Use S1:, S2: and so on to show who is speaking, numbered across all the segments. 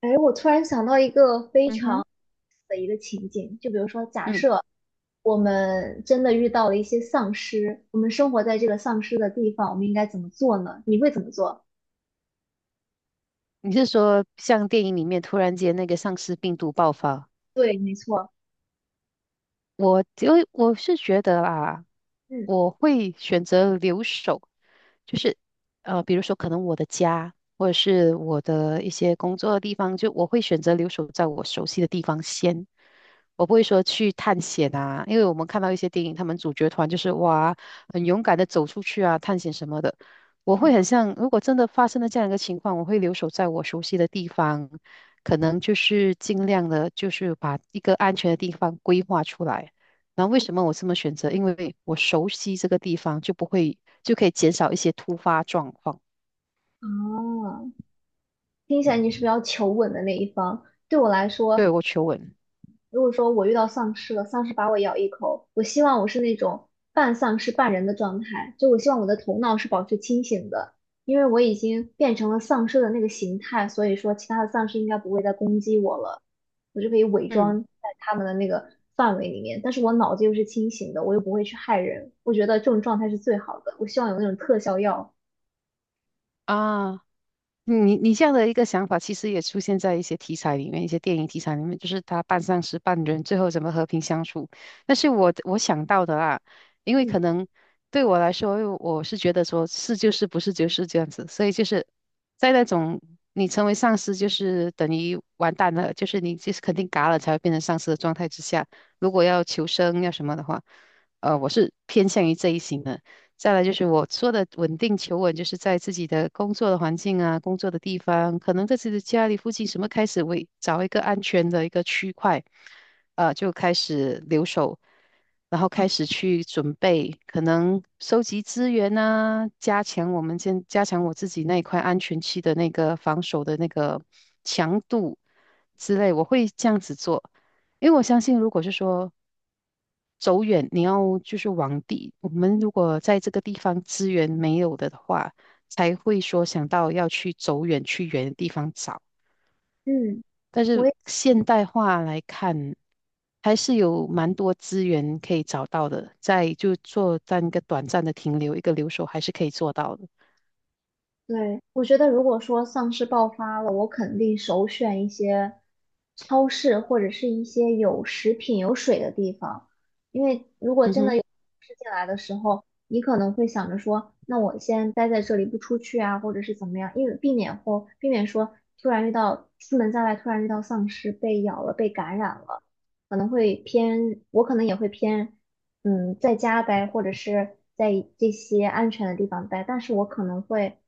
S1: 哎，我突然想到一个非
S2: 嗯哼，
S1: 常的一个情景，就比如说，假
S2: 嗯，
S1: 设我们真的遇到了一些丧尸，我们生活在这个丧尸的地方，我们应该怎么做呢？你会怎么做？
S2: 你是说像电影里面突然间那个丧尸病毒爆发？
S1: 对，没错。
S2: 我是觉得啊，
S1: 嗯
S2: 我会选择留守，就是比如说可能我的家或者是我的一些工作的地方，就我会选择留守在我熟悉的地方先。我不会说去探险啊，因为我们看到一些电影，他们主角团就是哇，很勇敢的走出去啊，探险什么的。我会
S1: 嗯。
S2: 很像，如果真的发生了这样一个情况，我会留守在我熟悉的地方，可能就是尽量的，就是把一个安全的地方规划出来。那为什么我这么选择？因为我熟悉这个地方，就不会就可以减少一些突发状况。
S1: 哦，听起来你是比较求稳的那一方。对我来
S2: 对，
S1: 说，
S2: 我求稳。
S1: 如果说我遇到丧尸了，丧尸把我咬一口，我希望我是那种半丧尸半人的状态，就我希望我的头脑是保持清醒的，因为我已经变成了丧尸的那个形态，所以说其他的丧尸应该不会再攻击我了，我就可以伪
S2: 嗯
S1: 装在他们的那个范围里面，但是我脑子又是清醒的，我又不会去害人，我觉得这种状态是最好的，我希望有那种特效药。
S2: 啊，你这样的一个想法，其实也出现在一些题材里面，一些电影题材里面，就是他半丧尸半人，最后怎么和平相处。但是我想到的啊，因为
S1: 嗯
S2: 可能对我来说，因为我是觉得说是就是不是就是这样子，所以就是在那种你成为丧尸就是等于完蛋了，就是你就是肯定嘎了才会变成丧尸的状态之下，如果要求生要什么的话，我是偏向于这一型的。再来就是我说的稳定求稳，就是在自己的工作的环境啊，工作的地方，可能在自己的家里附近，什么开始为找一个安全的一个区块，就开始留守，然后开始去准备，可能收集资源啊，加强我自己那一块安全区的那个防守的那个强度之类，我会这样子做。因为我相信，如果是说走远，你要就是往地，我们如果在这个地方资源没有的话，才会说想到要去走远，去远的地方找。
S1: 嗯。
S2: 但
S1: 我
S2: 是
S1: 也。
S2: 现代化来看，还是有蛮多资源可以找到的，在就做在一个短暂的停留，一个留守还是可以做到的。
S1: 对，我觉得如果说丧尸爆发了，我肯定首选一些超市或者是一些有食品、有水的地方，因为如果
S2: 嗯
S1: 真的
S2: 哼，
S1: 有吃进来的时候，你可能会想着说，那我先待在这里不出去啊，或者是怎么样，因为避免或避免说突然遇到出门在外突然遇到丧尸被咬了、被感染了，可能会偏，我可能也会偏。嗯，在家待，或者是在这些安全的地方待，但是我可能会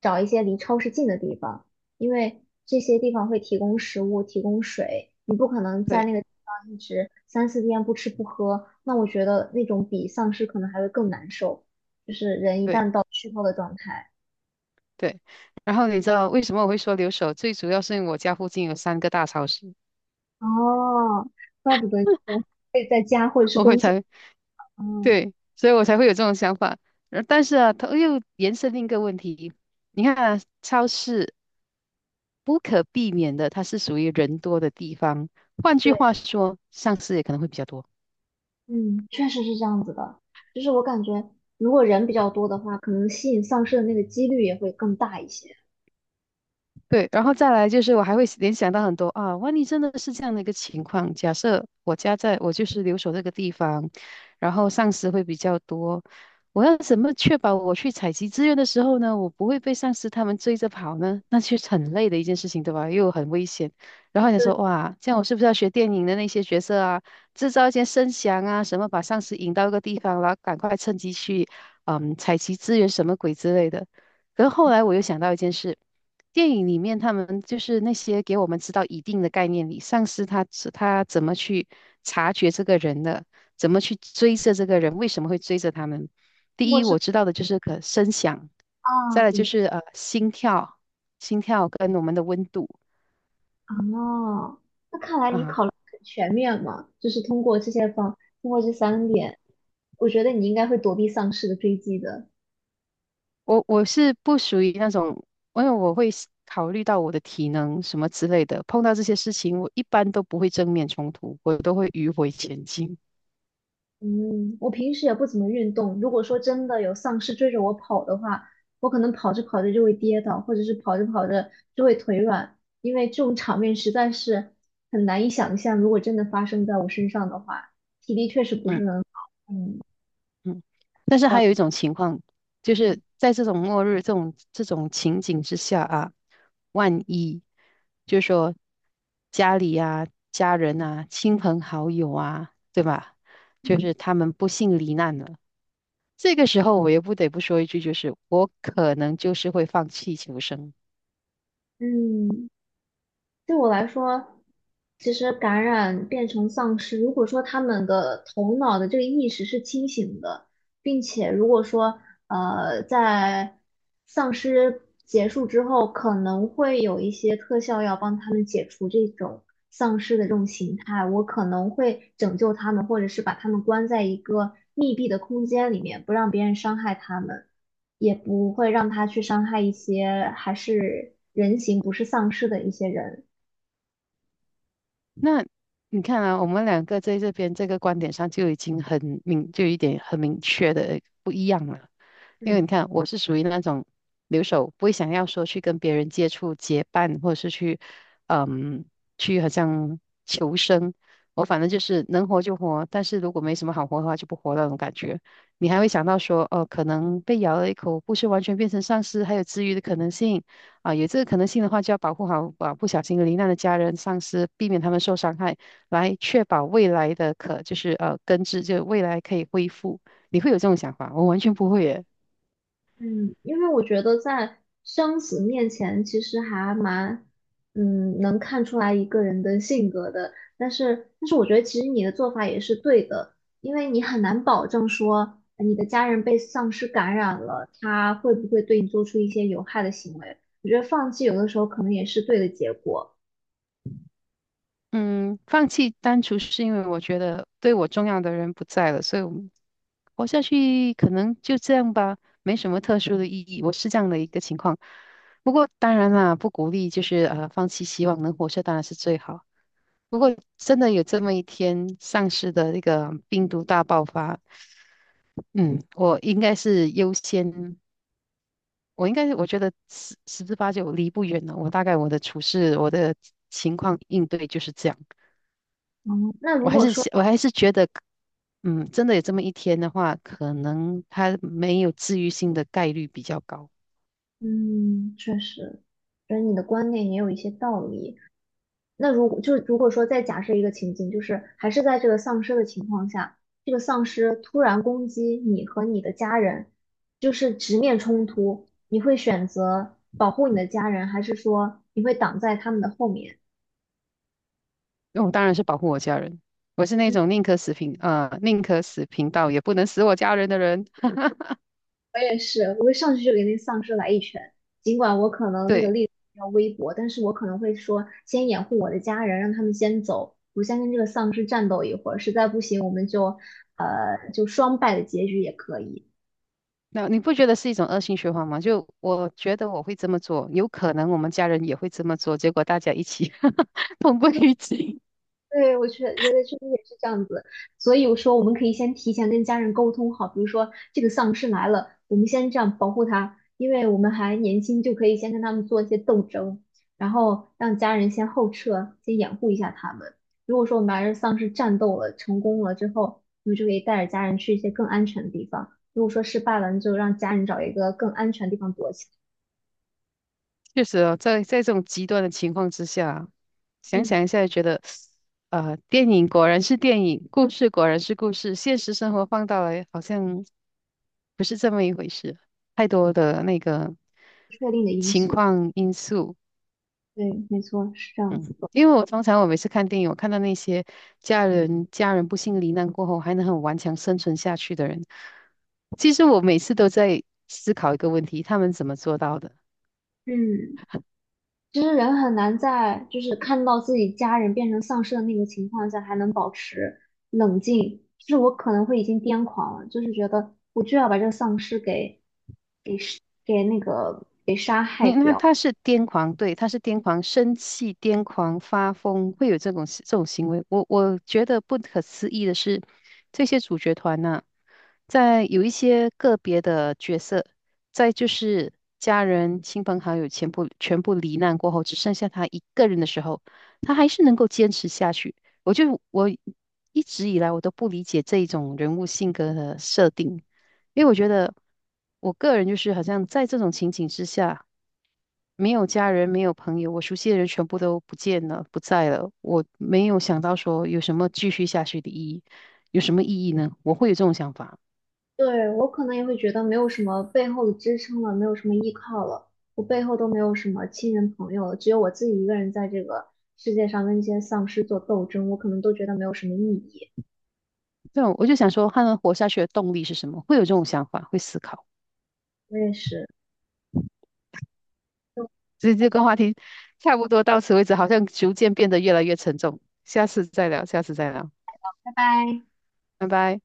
S1: 找一些离超市近的地方，因为这些地方会提供食物、提供水，你不可能在
S2: 对
S1: 那个地方一直三四天不吃不喝，那我觉得那种比丧尸可能还会更难受，就是人一旦
S2: 对
S1: 到虚脱的状态。
S2: 对。然后你知道为什么我会说留守？最主要是因为我家附近有3个大超市，
S1: 哦，怪不得你说会在家或者是
S2: 我会
S1: 工作。
S2: 才
S1: 嗯，
S2: 对，所以我才会有这种想法。但是啊，它又延伸另一个问题，你看啊，超市不可避免的，它是属于人多的地方，换句
S1: 对。
S2: 话说，上市也可能会比较多。
S1: 嗯，确实是这样子的，就是我感觉如果人比较多的话，可能吸引丧尸的那个几率也会更大一些。
S2: 对，然后再来就是我还会联想到很多啊，万一真的是这样的一个情况，假设我家在我就是留守这个地方，然后丧尸会比较多，我要怎么确保我去采集资源的时候呢，我不会被丧尸他们追着跑呢？那其实很累的一件事情，对吧？又很危险。然后你
S1: 对，
S2: 说哇，这样我是不是要学电影的那些角色啊，制造一些声响啊，什么把丧尸引到一个地方，然后赶快趁机去采集资源什么鬼之类的。可是后来我又想到一件事，电影里面他们就是那些给我们知道一定的概念里，上司他怎么去察觉这个人的，怎么去追着这个人，为什么会追着他们？
S1: 通
S2: 第
S1: 过
S2: 一，
S1: 生
S2: 我知道的就是可声响，
S1: 啊，
S2: 再来就
S1: 嗯
S2: 是心跳，心跳跟我们的温度
S1: 啊，那看来你考
S2: 啊。
S1: 虑得很全面嘛，通过这三点，我觉得你应该会躲避丧尸的追击的。
S2: 我是不属于那种，因为我会思考虑到我的体能什么之类的，碰到这些事情，我一般都不会正面冲突，我都会迂回前进。
S1: 嗯，我平时也不怎么运动。如果说真的有丧尸追着我跑的话，我可能跑着跑着就会跌倒，或者是跑着跑着就会腿软，因为这种场面实在是很难以想象。如果真的发生在我身上的话，体力确实不
S2: 嗯。
S1: 是很
S2: 嗯，但是还有一
S1: 好。
S2: 种情况，就
S1: 嗯
S2: 是在这种末日、这种情景之下啊，万一就是说家里啊、家人啊、亲朋好友啊，对吧？就
S1: 嗯。
S2: 是他们不幸罹难了，这个时候我也不得不说一句，就是我可能就是会放弃求生。
S1: 嗯，对我来说，其实感染变成丧尸，如果说他们的头脑的这个意识是清醒的，并且如果说在丧尸结束之后，可能会有一些特效药帮他们解除这种丧尸的这种形态，我可能会拯救他们，或者是把他们关在一个密闭的空间里面，不让别人伤害他们。也不会让他去伤害一些还是人形不是丧尸的一些人。
S2: 那你看啊，我们两个在这边这个观点上就已经很明，就有一点很明确的不一样了。因为
S1: 嗯
S2: 你看，我是属于那种留守，不会想要说去跟别人接触、结伴，或者是去，嗯，去好像求生。我反正就是能活就活，但是如果没什么好活的话，就不活那种感觉。你还会想到说，哦，可能被咬了一口，不是完全变成丧尸，还有治愈的可能性。啊，有这个可能性的话，就要保护好啊不小心罹难的家人、丧尸，避免他们受伤害，来确保未来的可就是根治，就未来可以恢复。你会有这种想法？我完全不会耶。
S1: 嗯，因为我觉得在生死面前，其实还蛮，能看出来一个人的性格的。但是，我觉得其实你的做法也是对的，因为你很难保证说你的家人被丧尸感染了，他会不会对你做出一些有害的行为。我觉得放弃有的时候可能也是对的结果。
S2: 嗯，放弃单纯是因为我觉得对我重要的人不在了，所以我们活下去可能就这样吧，没什么特殊的意义。我是这样的一个情况。不过当然啦，不鼓励就是放弃希望，能活着当然是最好。不过真的有这么一天，上市的那个病毒大爆发，嗯，我应该是优先，我应该是我觉得十之八九离不远了。我大概我的处事，我的情况应对就是这样。
S1: 嗯，那
S2: 我
S1: 如
S2: 还
S1: 果
S2: 是
S1: 说。
S2: 希我还是觉得，真的有这么一天的话，可能它没有治愈性的概率比较高。
S1: 嗯，确实，觉得你的观点也有一些道理。那如果如果说再假设一个情景，就是还是在这个丧尸的情况下，这个丧尸突然攻击你和你的家人，就是直面冲突，你会选择保护你的家人，还是说你会挡在他们的后面？
S2: 我当然是保护我家人，我是那
S1: 嗯，
S2: 种宁可死贫道也不能死我家人的人。
S1: 我也是，我会上去就给那丧尸来一拳，尽管我可能那个
S2: 对，
S1: 力量比较微薄，但是我可能会说先掩护我的家人，让他们先走，我先跟这个丧尸战斗一会儿，实在不行我们就双败的结局也可以。
S2: 那你不觉得是一种恶性循环吗？就我觉得我会这么做，有可能我们家人也会这么做，结果大家一起 同归于尽。
S1: 对，我觉得人类确实也是这样子，所以我说我们可以先提前跟家人沟通好，比如说这个丧尸来了，我们先这样保护它，因为我们还年轻，就可以先跟他们做一些斗争，然后让家人先后撤，先掩护一下他们。如果说我们还是丧尸战斗了，成功了之后，我们就可以带着家人去一些更安全的地方；如果说失败了，那就让家人找一个更安全的地方躲起
S2: 确实哦，在这种极端的情况之下，
S1: 来。
S2: 想
S1: 嗯，
S2: 想一下就觉得，电影果然是电影，故事果然是故事，现实生活放大来好像不是这么一回事，太多的那个
S1: 不确定的因
S2: 情
S1: 素。
S2: 况因素。
S1: 对，没错，是这样子的。
S2: 因为我通常我每次看电影，我看到那些家人不幸罹难过后还能很顽强生存下去的人，其实我每次都在思考一个问题：他们怎么做到的？
S1: 嗯。其实人很难在就是看到自己家人变成丧尸的那个情况下，还能保持冷静。就是我可能会已经癫狂了，就是觉得我就要把这个丧尸给给杀给那个给杀害
S2: 你那
S1: 掉。
S2: 他是癫狂，对，他是癫狂，生气、癫狂、发疯，会有这种这种行为。我觉得不可思议的是，这些主角团呢、在有一些个别的角色，在就是家人、亲朋好友全部罹难过后，只剩下他一个人的时候，他还是能够坚持下去。我一直以来我都不理解这一种人物性格的设定。因为我觉得，我个人就是好像在这种情景之下，没有家人，没有朋友，我熟悉的人全部都不见了，不在了。我没有想到说有什么继续下去的意义，有什么意义呢？我会有这种想法。
S1: 对，我可能也会觉得没有什么背后的支撑了，没有什么依靠了，我背后都没有什么亲人朋友了，只有我自己一个人在这个世界上跟这些丧尸做斗争，我可能都觉得没有什么意义。
S2: 对，我就想说，他们活下去的动力是什么？会有这种想法，会思考。
S1: 我也是，就
S2: 所以这个话题差不多到此为止，好像逐渐变得越来越沉重。下次再聊，下次再聊，
S1: 拜拜。
S2: 拜拜。